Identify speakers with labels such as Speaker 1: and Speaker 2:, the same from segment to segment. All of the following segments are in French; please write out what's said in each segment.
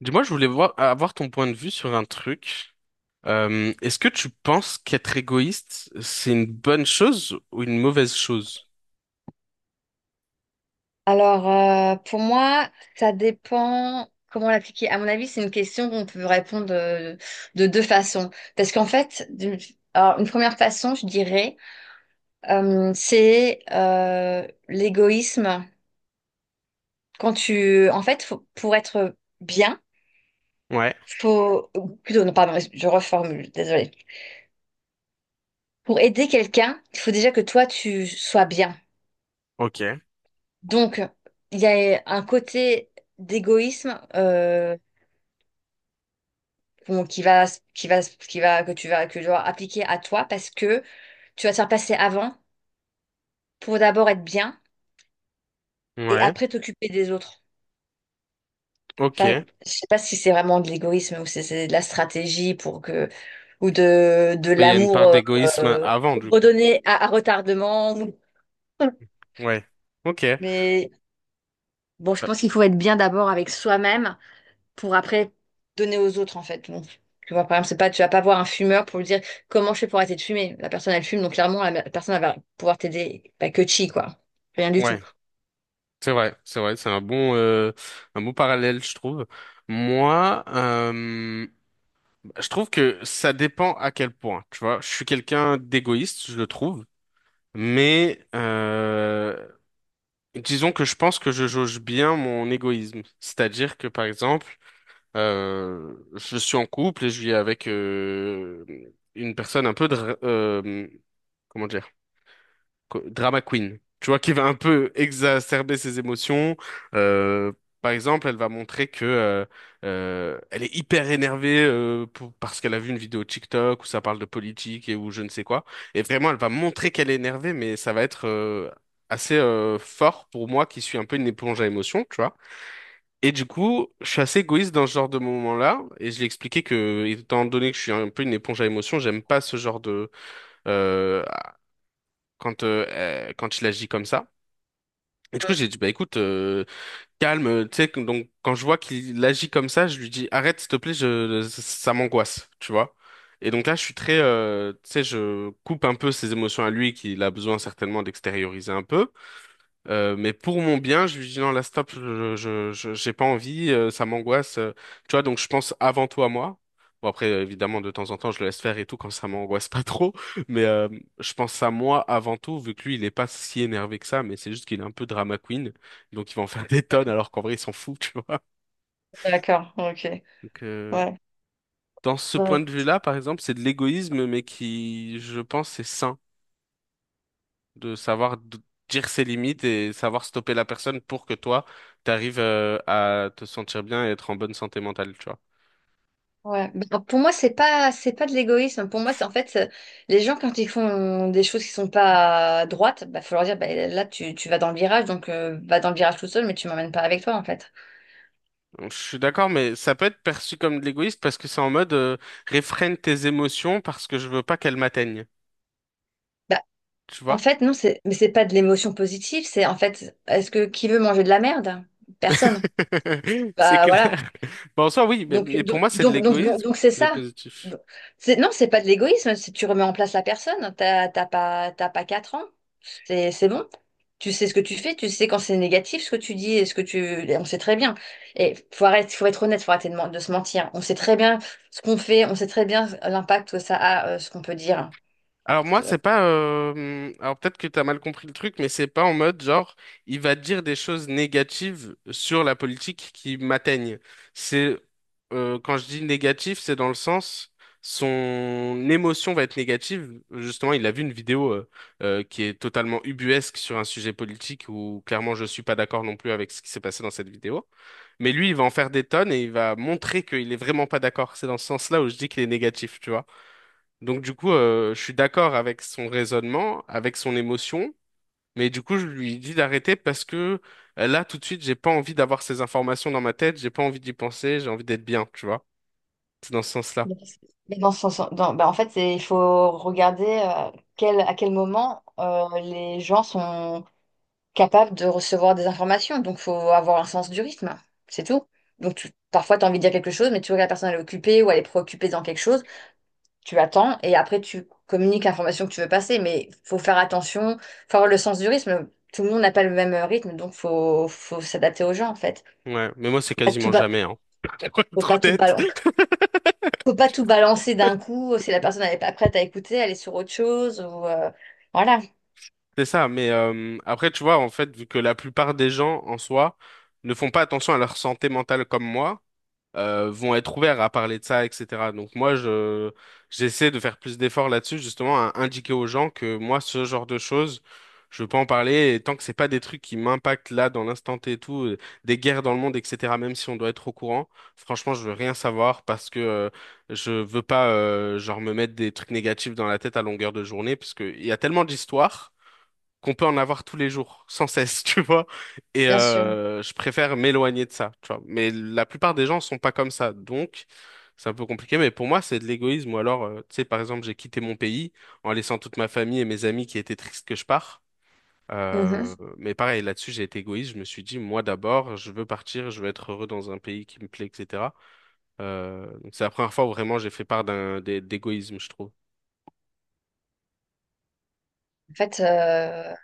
Speaker 1: Dis-moi, je voulais voir, avoir ton point de vue sur un truc. Est-ce que tu penses qu'être égoïste, c'est une bonne chose ou une mauvaise chose?
Speaker 2: Alors, pour moi, ça dépend comment l'appliquer. À mon avis, c'est une question qu'on peut répondre de deux façons. Parce qu'en fait, d'une alors, une première façon, je dirais, c'est l'égoïsme. En fait, pour être bien,
Speaker 1: Ouais,
Speaker 2: ou plutôt, non, pardon, je reformule, désolée. Pour aider quelqu'un, il faut déjà que toi, tu sois bien.
Speaker 1: ok,
Speaker 2: Donc, il y a un côté d'égoïsme, qu'on- qui va, qui va, que tu vas appliquer à toi, parce que tu vas te faire passer avant pour d'abord être bien et
Speaker 1: ouais,
Speaker 2: après t'occuper des autres. Enfin,
Speaker 1: ok.
Speaker 2: je sais pas si c'est vraiment de l'égoïsme ou c'est de la stratégie pour que, ou de
Speaker 1: Mais il y a une
Speaker 2: l'amour
Speaker 1: part d'égoïsme
Speaker 2: euh,
Speaker 1: avant, du coup.
Speaker 2: redonné à, retardement.
Speaker 1: Ouais, ok. Euh,
Speaker 2: Mais bon, je pense qu'il faut être bien d'abord avec soi-même pour après donner aux autres en fait. Donc, tu vois, par exemple, c'est pas, tu vas pas voir un fumeur pour lui dire: comment je fais pour arrêter de fumer? La personne, elle fume, donc clairement, la personne, elle va pouvoir t'aider. Bah, que chi, quoi. Rien du tout.
Speaker 1: ouais, c'est vrai, c'est vrai, c'est un bon, un bon parallèle, je trouve. Moi, je trouve que ça dépend à quel point, tu vois. Je suis quelqu'un d'égoïste, je le trouve, mais disons que je pense que je jauge bien mon égoïsme. C'est-à-dire que, par exemple, je suis en couple et je vis avec une personne un peu... comment dire? Drama queen. Tu vois, qui va un peu exacerber ses émotions. Euh, par exemple, elle va montrer que elle est hyper énervée parce qu'elle a vu une vidéo TikTok où ça parle de politique et où je ne sais quoi. Et vraiment, elle va montrer qu'elle est énervée, mais ça va être assez fort pour moi qui suis un peu une éponge à émotions, tu vois. Et du coup, je suis assez égoïste dans ce genre de moment-là. Et je lui ai expliqué que, étant donné que je suis un peu une éponge à émotions, j'aime pas ce genre de euh, quand quand il agit comme ça. Et du coup,
Speaker 2: Mm.
Speaker 1: j'ai dit, bah écoute, calme, tu sais, donc quand je vois qu'il agit comme ça, je lui dis, arrête, s'il te plaît, je, ça m'angoisse, tu vois. Et donc là, je suis très, tu sais, je coupe un peu ses émotions à lui, qu'il a besoin certainement d'extérioriser un peu. Mais pour mon bien, je lui dis non, là, stop, j'ai pas envie, ça m'angoisse. Tu vois, donc je pense avant tout à moi. Bon, après, évidemment, de temps en temps, je le laisse faire et tout quand ça m'angoisse pas trop. Mais je pense à moi avant tout, vu que lui, il est pas si énervé que ça, mais c'est juste qu'il est un peu drama queen. Donc, il va en faire des tonnes,
Speaker 2: Mm.
Speaker 1: alors qu'en vrai, il s'en fout, tu vois.
Speaker 2: D'accord, ok.
Speaker 1: Donc,
Speaker 2: Ouais.
Speaker 1: dans ce point
Speaker 2: Ouais.
Speaker 1: de vue-là, par exemple, c'est de l'égoïsme, mais qui, je pense, c'est sain. De savoir dire ses limites et savoir stopper la personne pour que toi, t'arrives à te sentir bien et être en bonne santé mentale, tu vois.
Speaker 2: Ouais. Bah, pour moi, c'est pas de l'égoïsme. Pour moi, c'est, en fait, les gens, quand ils font des choses qui sont pas droites, bah, faut leur dire: bah, là, tu vas dans le virage, donc va dans le virage tout seul, mais tu m'emmènes pas avec toi, en fait.
Speaker 1: Donc, je suis d'accord, mais ça peut être perçu comme de l'égoïsme parce que c'est en mode réfrène tes émotions parce que je veux pas qu'elles m'atteignent,
Speaker 2: Bah,
Speaker 1: tu
Speaker 2: en
Speaker 1: vois?
Speaker 2: fait, non, mais c'est pas de l'émotion positive. C'est, en fait, est-ce que qui veut manger de la merde? Personne.
Speaker 1: C'est
Speaker 2: Bah voilà.
Speaker 1: clair. Bon, en soi, oui,
Speaker 2: Donc,
Speaker 1: mais
Speaker 2: do-
Speaker 1: pour moi, c'est de
Speaker 2: donc, donc, donc,
Speaker 1: l'égoïsme,
Speaker 2: donc c'est
Speaker 1: mais
Speaker 2: ça.
Speaker 1: positif.
Speaker 2: Donc, non, c'est pas de l'égoïsme. Si tu remets en place la personne, t'as pas 4 ans, c'est bon. Tu sais ce que tu fais, tu sais quand c'est négatif ce que tu dis et ce que tu. Et on sait très bien. Et faut arrêter, faut être honnête, faut arrêter de se mentir. On sait très bien ce qu'on fait, on sait très bien l'impact que ça a, ce qu'on peut dire.
Speaker 1: Alors moi, c'est pas... alors peut-être que t'as mal compris le truc, mais c'est pas en mode genre, il va dire des choses négatives sur la politique qui m'atteignent. C'est... quand je dis négatif, c'est dans le sens... Son émotion va être négative. Justement, il a vu une vidéo qui est totalement ubuesque sur un sujet politique où clairement je suis pas d'accord non plus avec ce qui s'est passé dans cette vidéo. Mais lui, il va en faire des tonnes et il va montrer qu'il est vraiment pas d'accord. C'est dans ce sens-là où je dis qu'il est négatif, tu vois. Donc du coup, je suis d'accord avec son raisonnement, avec son émotion, mais du coup, je lui dis d'arrêter parce que là, tout de suite, j'ai pas envie d'avoir ces informations dans ma tête, j'ai pas envie d'y penser, j'ai envie d'être bien, tu vois. C'est dans ce sens-là.
Speaker 2: Mais mais dans son, son- dans- bah, en fait, il faut regarder à quel moment les gens sont capables de recevoir des informations. Donc, il faut avoir un sens du rythme, c'est tout. Donc, parfois, tu as envie de dire quelque chose, mais tu vois que la personne, elle est occupée ou elle est préoccupée dans quelque chose. Tu attends et après, tu communiques l'information que tu veux passer. Mais il faut faire attention, faut avoir le sens du rythme. Tout le monde n'a pas le même rythme, donc faut s'adapter aux gens, en fait.
Speaker 1: Ouais, mais moi, c'est
Speaker 2: Pas tout
Speaker 1: quasiment
Speaker 2: ba-
Speaker 1: jamais, hein. Pour
Speaker 2: Faut
Speaker 1: être
Speaker 2: pas tout
Speaker 1: honnête.
Speaker 2: balancer. Faut pas tout balancer d'un coup. Si la personne n'est pas prête à écouter, elle est sur autre chose. Voilà.
Speaker 1: C'est ça, mais après, tu vois, en fait, vu que la plupart des gens, en soi, ne font pas attention à leur santé mentale comme moi, vont être ouverts à parler de ça, etc. Donc moi, je j'essaie de faire plus d'efforts là-dessus, justement, à indiquer aux gens que moi, ce genre de choses, je peux en parler, et tant que c'est pas des trucs qui m'impactent là, dans l'instant T et tout, des guerres dans le monde, etc., même si on doit être au courant, franchement, je veux rien savoir parce que je veux pas, genre, me mettre des trucs négatifs dans la tête à longueur de journée, parce qu'il y a tellement d'histoires qu'on peut en avoir tous les jours, sans cesse, tu vois. Et
Speaker 2: Bien sûr.
Speaker 1: je préfère m'éloigner de ça, tu vois. Mais la plupart des gens sont pas comme ça, donc c'est un peu compliqué. Mais pour moi, c'est de l'égoïsme. Ou alors, tu sais, par exemple, j'ai quitté mon pays en laissant toute ma famille et mes amis qui étaient tristes que je pars.
Speaker 2: Mhm.
Speaker 1: Mais pareil, là-dessus, j'ai été égoïste. Je me suis dit, moi d'abord, je veux partir, je veux être heureux dans un pays qui me plaît, etc. Donc c'est la première fois où vraiment j'ai fait part d'égoïsme, je trouve.
Speaker 2: En fait,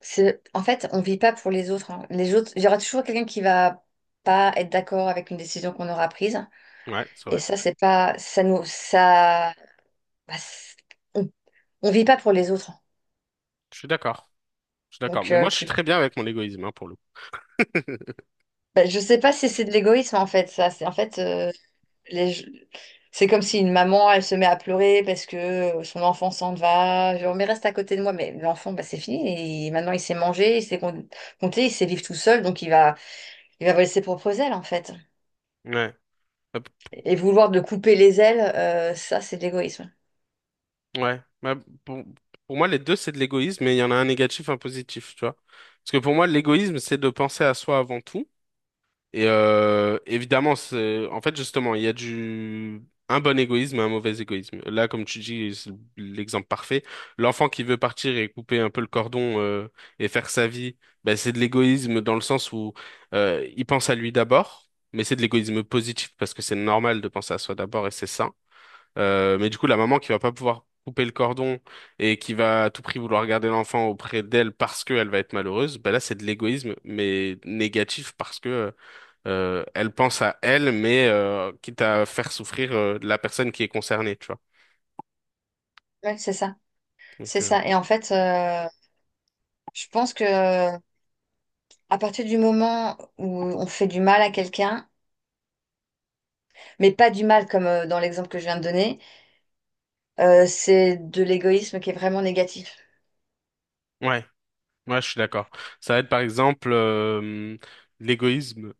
Speaker 2: en fait, on vit pas pour les autres, hein. Les autres, il y aura toujours quelqu'un qui va pas être d'accord avec une décision qu'on aura prise.
Speaker 1: Ouais, c'est
Speaker 2: Et
Speaker 1: vrai.
Speaker 2: ça, c'est pas, bah, on, on vit pas pour les autres.
Speaker 1: Je suis d'accord. Je suis d'accord.
Speaker 2: Donc,
Speaker 1: Mais moi, je suis très bien avec mon égoïsme, hein, pour le coup.
Speaker 2: bah, je sais pas si c'est de l'égoïsme en fait. Ça, c'est en fait. Les- C'est comme si une maman, elle se met à pleurer parce que son enfant s'en va. Genre: mais reste à côté de moi. Mais l'enfant, bah, c'est fini. Et maintenant, il sait manger, il sait compter, il sait vivre tout seul. Donc, il va voler ses propres ailes, en fait.
Speaker 1: Ouais. Euh,
Speaker 2: Et vouloir de couper les ailes, ça, c'est de l'égoïsme.
Speaker 1: ouais. Bah, pour, pour moi, les deux, c'est de l'égoïsme, mais il y en a un négatif, un positif, tu vois. Parce que pour moi, l'égoïsme, c'est de penser à soi avant tout. Et évidemment, c'est, en fait, justement, il y a du un bon égoïsme et un mauvais égoïsme. Là, comme tu dis, c'est l'exemple parfait. L'enfant qui veut partir et couper un peu le cordon et faire sa vie, ben c'est de l'égoïsme dans le sens où il pense à lui d'abord, mais c'est de l'égoïsme positif parce que c'est normal de penser à soi d'abord et c'est sain. Mais du coup, la maman qui va pas pouvoir couper le cordon et qui va à tout prix vouloir garder l'enfant auprès d'elle parce qu'elle va être malheureuse, ben là, c'est de l'égoïsme, mais négatif parce que elle pense à elle, mais quitte à faire souffrir la personne qui est concernée, tu vois.
Speaker 2: Ouais, c'est ça.
Speaker 1: Donc,
Speaker 2: C'est ça. Et en fait, je pense que, à partir du moment où on fait du mal à quelqu'un, mais pas du mal comme, dans l'exemple que je viens de donner, c'est de l'égoïsme qui est vraiment négatif.
Speaker 1: ouais, ouais, je suis d'accord. Ça va être par exemple l'égoïsme.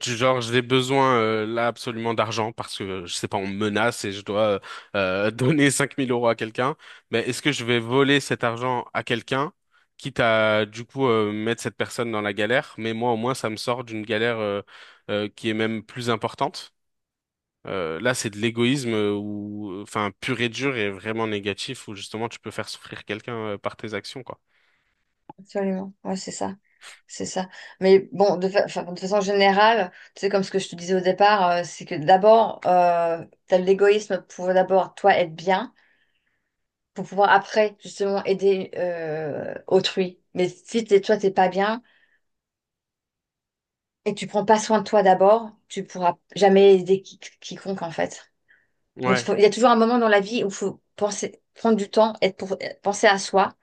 Speaker 1: Du genre, j'ai besoin là absolument d'argent parce que, je sais pas, on me menace et je dois donner 5 000 euros à quelqu'un. Mais est-ce que je vais voler cet argent à quelqu'un, quitte à du coup mettre cette personne dans la galère, mais moi au moins ça me sort d'une galère qui est même plus importante. Là, c'est de l'égoïsme ou enfin pur et dur et vraiment négatif où justement tu peux faire souffrir quelqu'un par tes actions, quoi.
Speaker 2: Absolument. Ouais, c'est ça. C'est ça. Mais bon, enfin, de façon générale, tu sais, comme ce que je te disais au départ, c'est que d'abord, t'as l'égoïsme pour d'abord, toi, être bien, pour pouvoir après, justement, aider, autrui. Mais si t'es, toi, t'es pas bien et que tu prends pas soin de toi d'abord, tu pourras jamais aider quiconque, en fait. Donc,
Speaker 1: Ouais,
Speaker 2: il y a toujours un moment dans la vie où il faut penser, prendre du temps, être pour, penser à soi,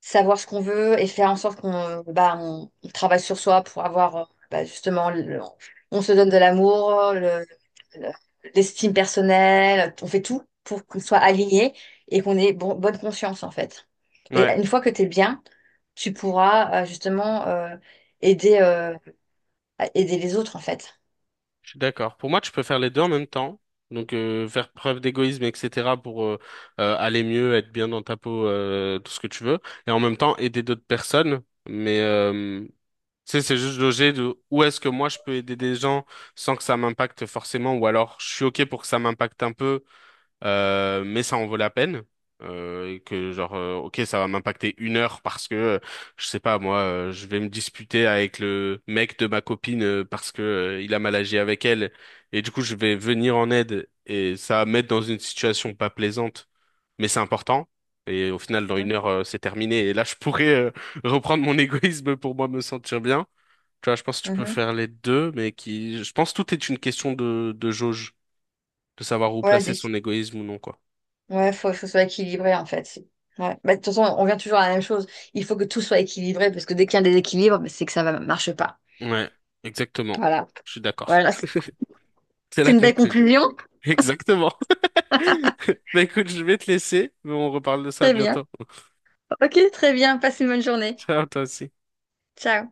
Speaker 2: savoir ce qu'on veut et faire en sorte qu'on bah, on travaille sur soi pour avoir, bah, justement, on se donne de l'amour, le- l'estime personnelle, on fait tout pour qu'on soit aligné et qu'on ait bonne conscience en fait. Et
Speaker 1: ouais.
Speaker 2: une fois que tu es bien, tu pourras, justement, aider, euh, à aider les autres en fait.
Speaker 1: Je suis d'accord. Pour moi, tu peux faire les deux en même temps. Donc, faire preuve d'égoïsme, etc., pour aller mieux, être bien dans ta peau, tout ce que tu veux. Et en même temps, aider d'autres personnes. Mais, tu sais, c'est juste loger de où est-ce que moi, je peux aider des gens sans que ça m'impacte forcément. Ou alors, je suis OK pour que ça m'impacte un peu, mais ça en vaut la peine. Et que genre, ok, ça va m'impacter 1 heure parce que, je sais pas, moi, je vais me disputer avec le mec de ma copine parce que, il a mal agi avec elle. Et du coup, je vais venir en aide et ça va me mettre dans une situation pas plaisante, mais c'est important. Et au final, dans 1 heure, c'est terminé. Et là, je pourrais, reprendre mon égoïsme pour moi me sentir bien. Tu vois, je pense que tu
Speaker 2: Mhm.
Speaker 1: peux
Speaker 2: Mhm.
Speaker 1: faire les deux, mais qui, je pense que tout est une question de jauge, de savoir où
Speaker 2: Ouais.
Speaker 1: placer son égoïsme ou non, quoi.
Speaker 2: Ouais, faut que ce soit équilibré en fait. Ouais. Bah, de toute façon, on vient toujours à la même chose. Il faut que tout soit équilibré parce que dès qu'il y a un déséquilibre, bah, c'est que ça ne marche pas.
Speaker 1: Ouais, exactement.
Speaker 2: Voilà.
Speaker 1: Je suis d'accord.
Speaker 2: Voilà.
Speaker 1: C'est
Speaker 2: C'est
Speaker 1: la
Speaker 2: une belle
Speaker 1: conclusion.
Speaker 2: conclusion.
Speaker 1: Exactement. Bah écoute, je vais te laisser, mais on reparle de ça
Speaker 2: Très bien.
Speaker 1: bientôt.
Speaker 2: Ok, très bien. Passe une bonne journée.
Speaker 1: Ciao, toi aussi.
Speaker 2: Ciao.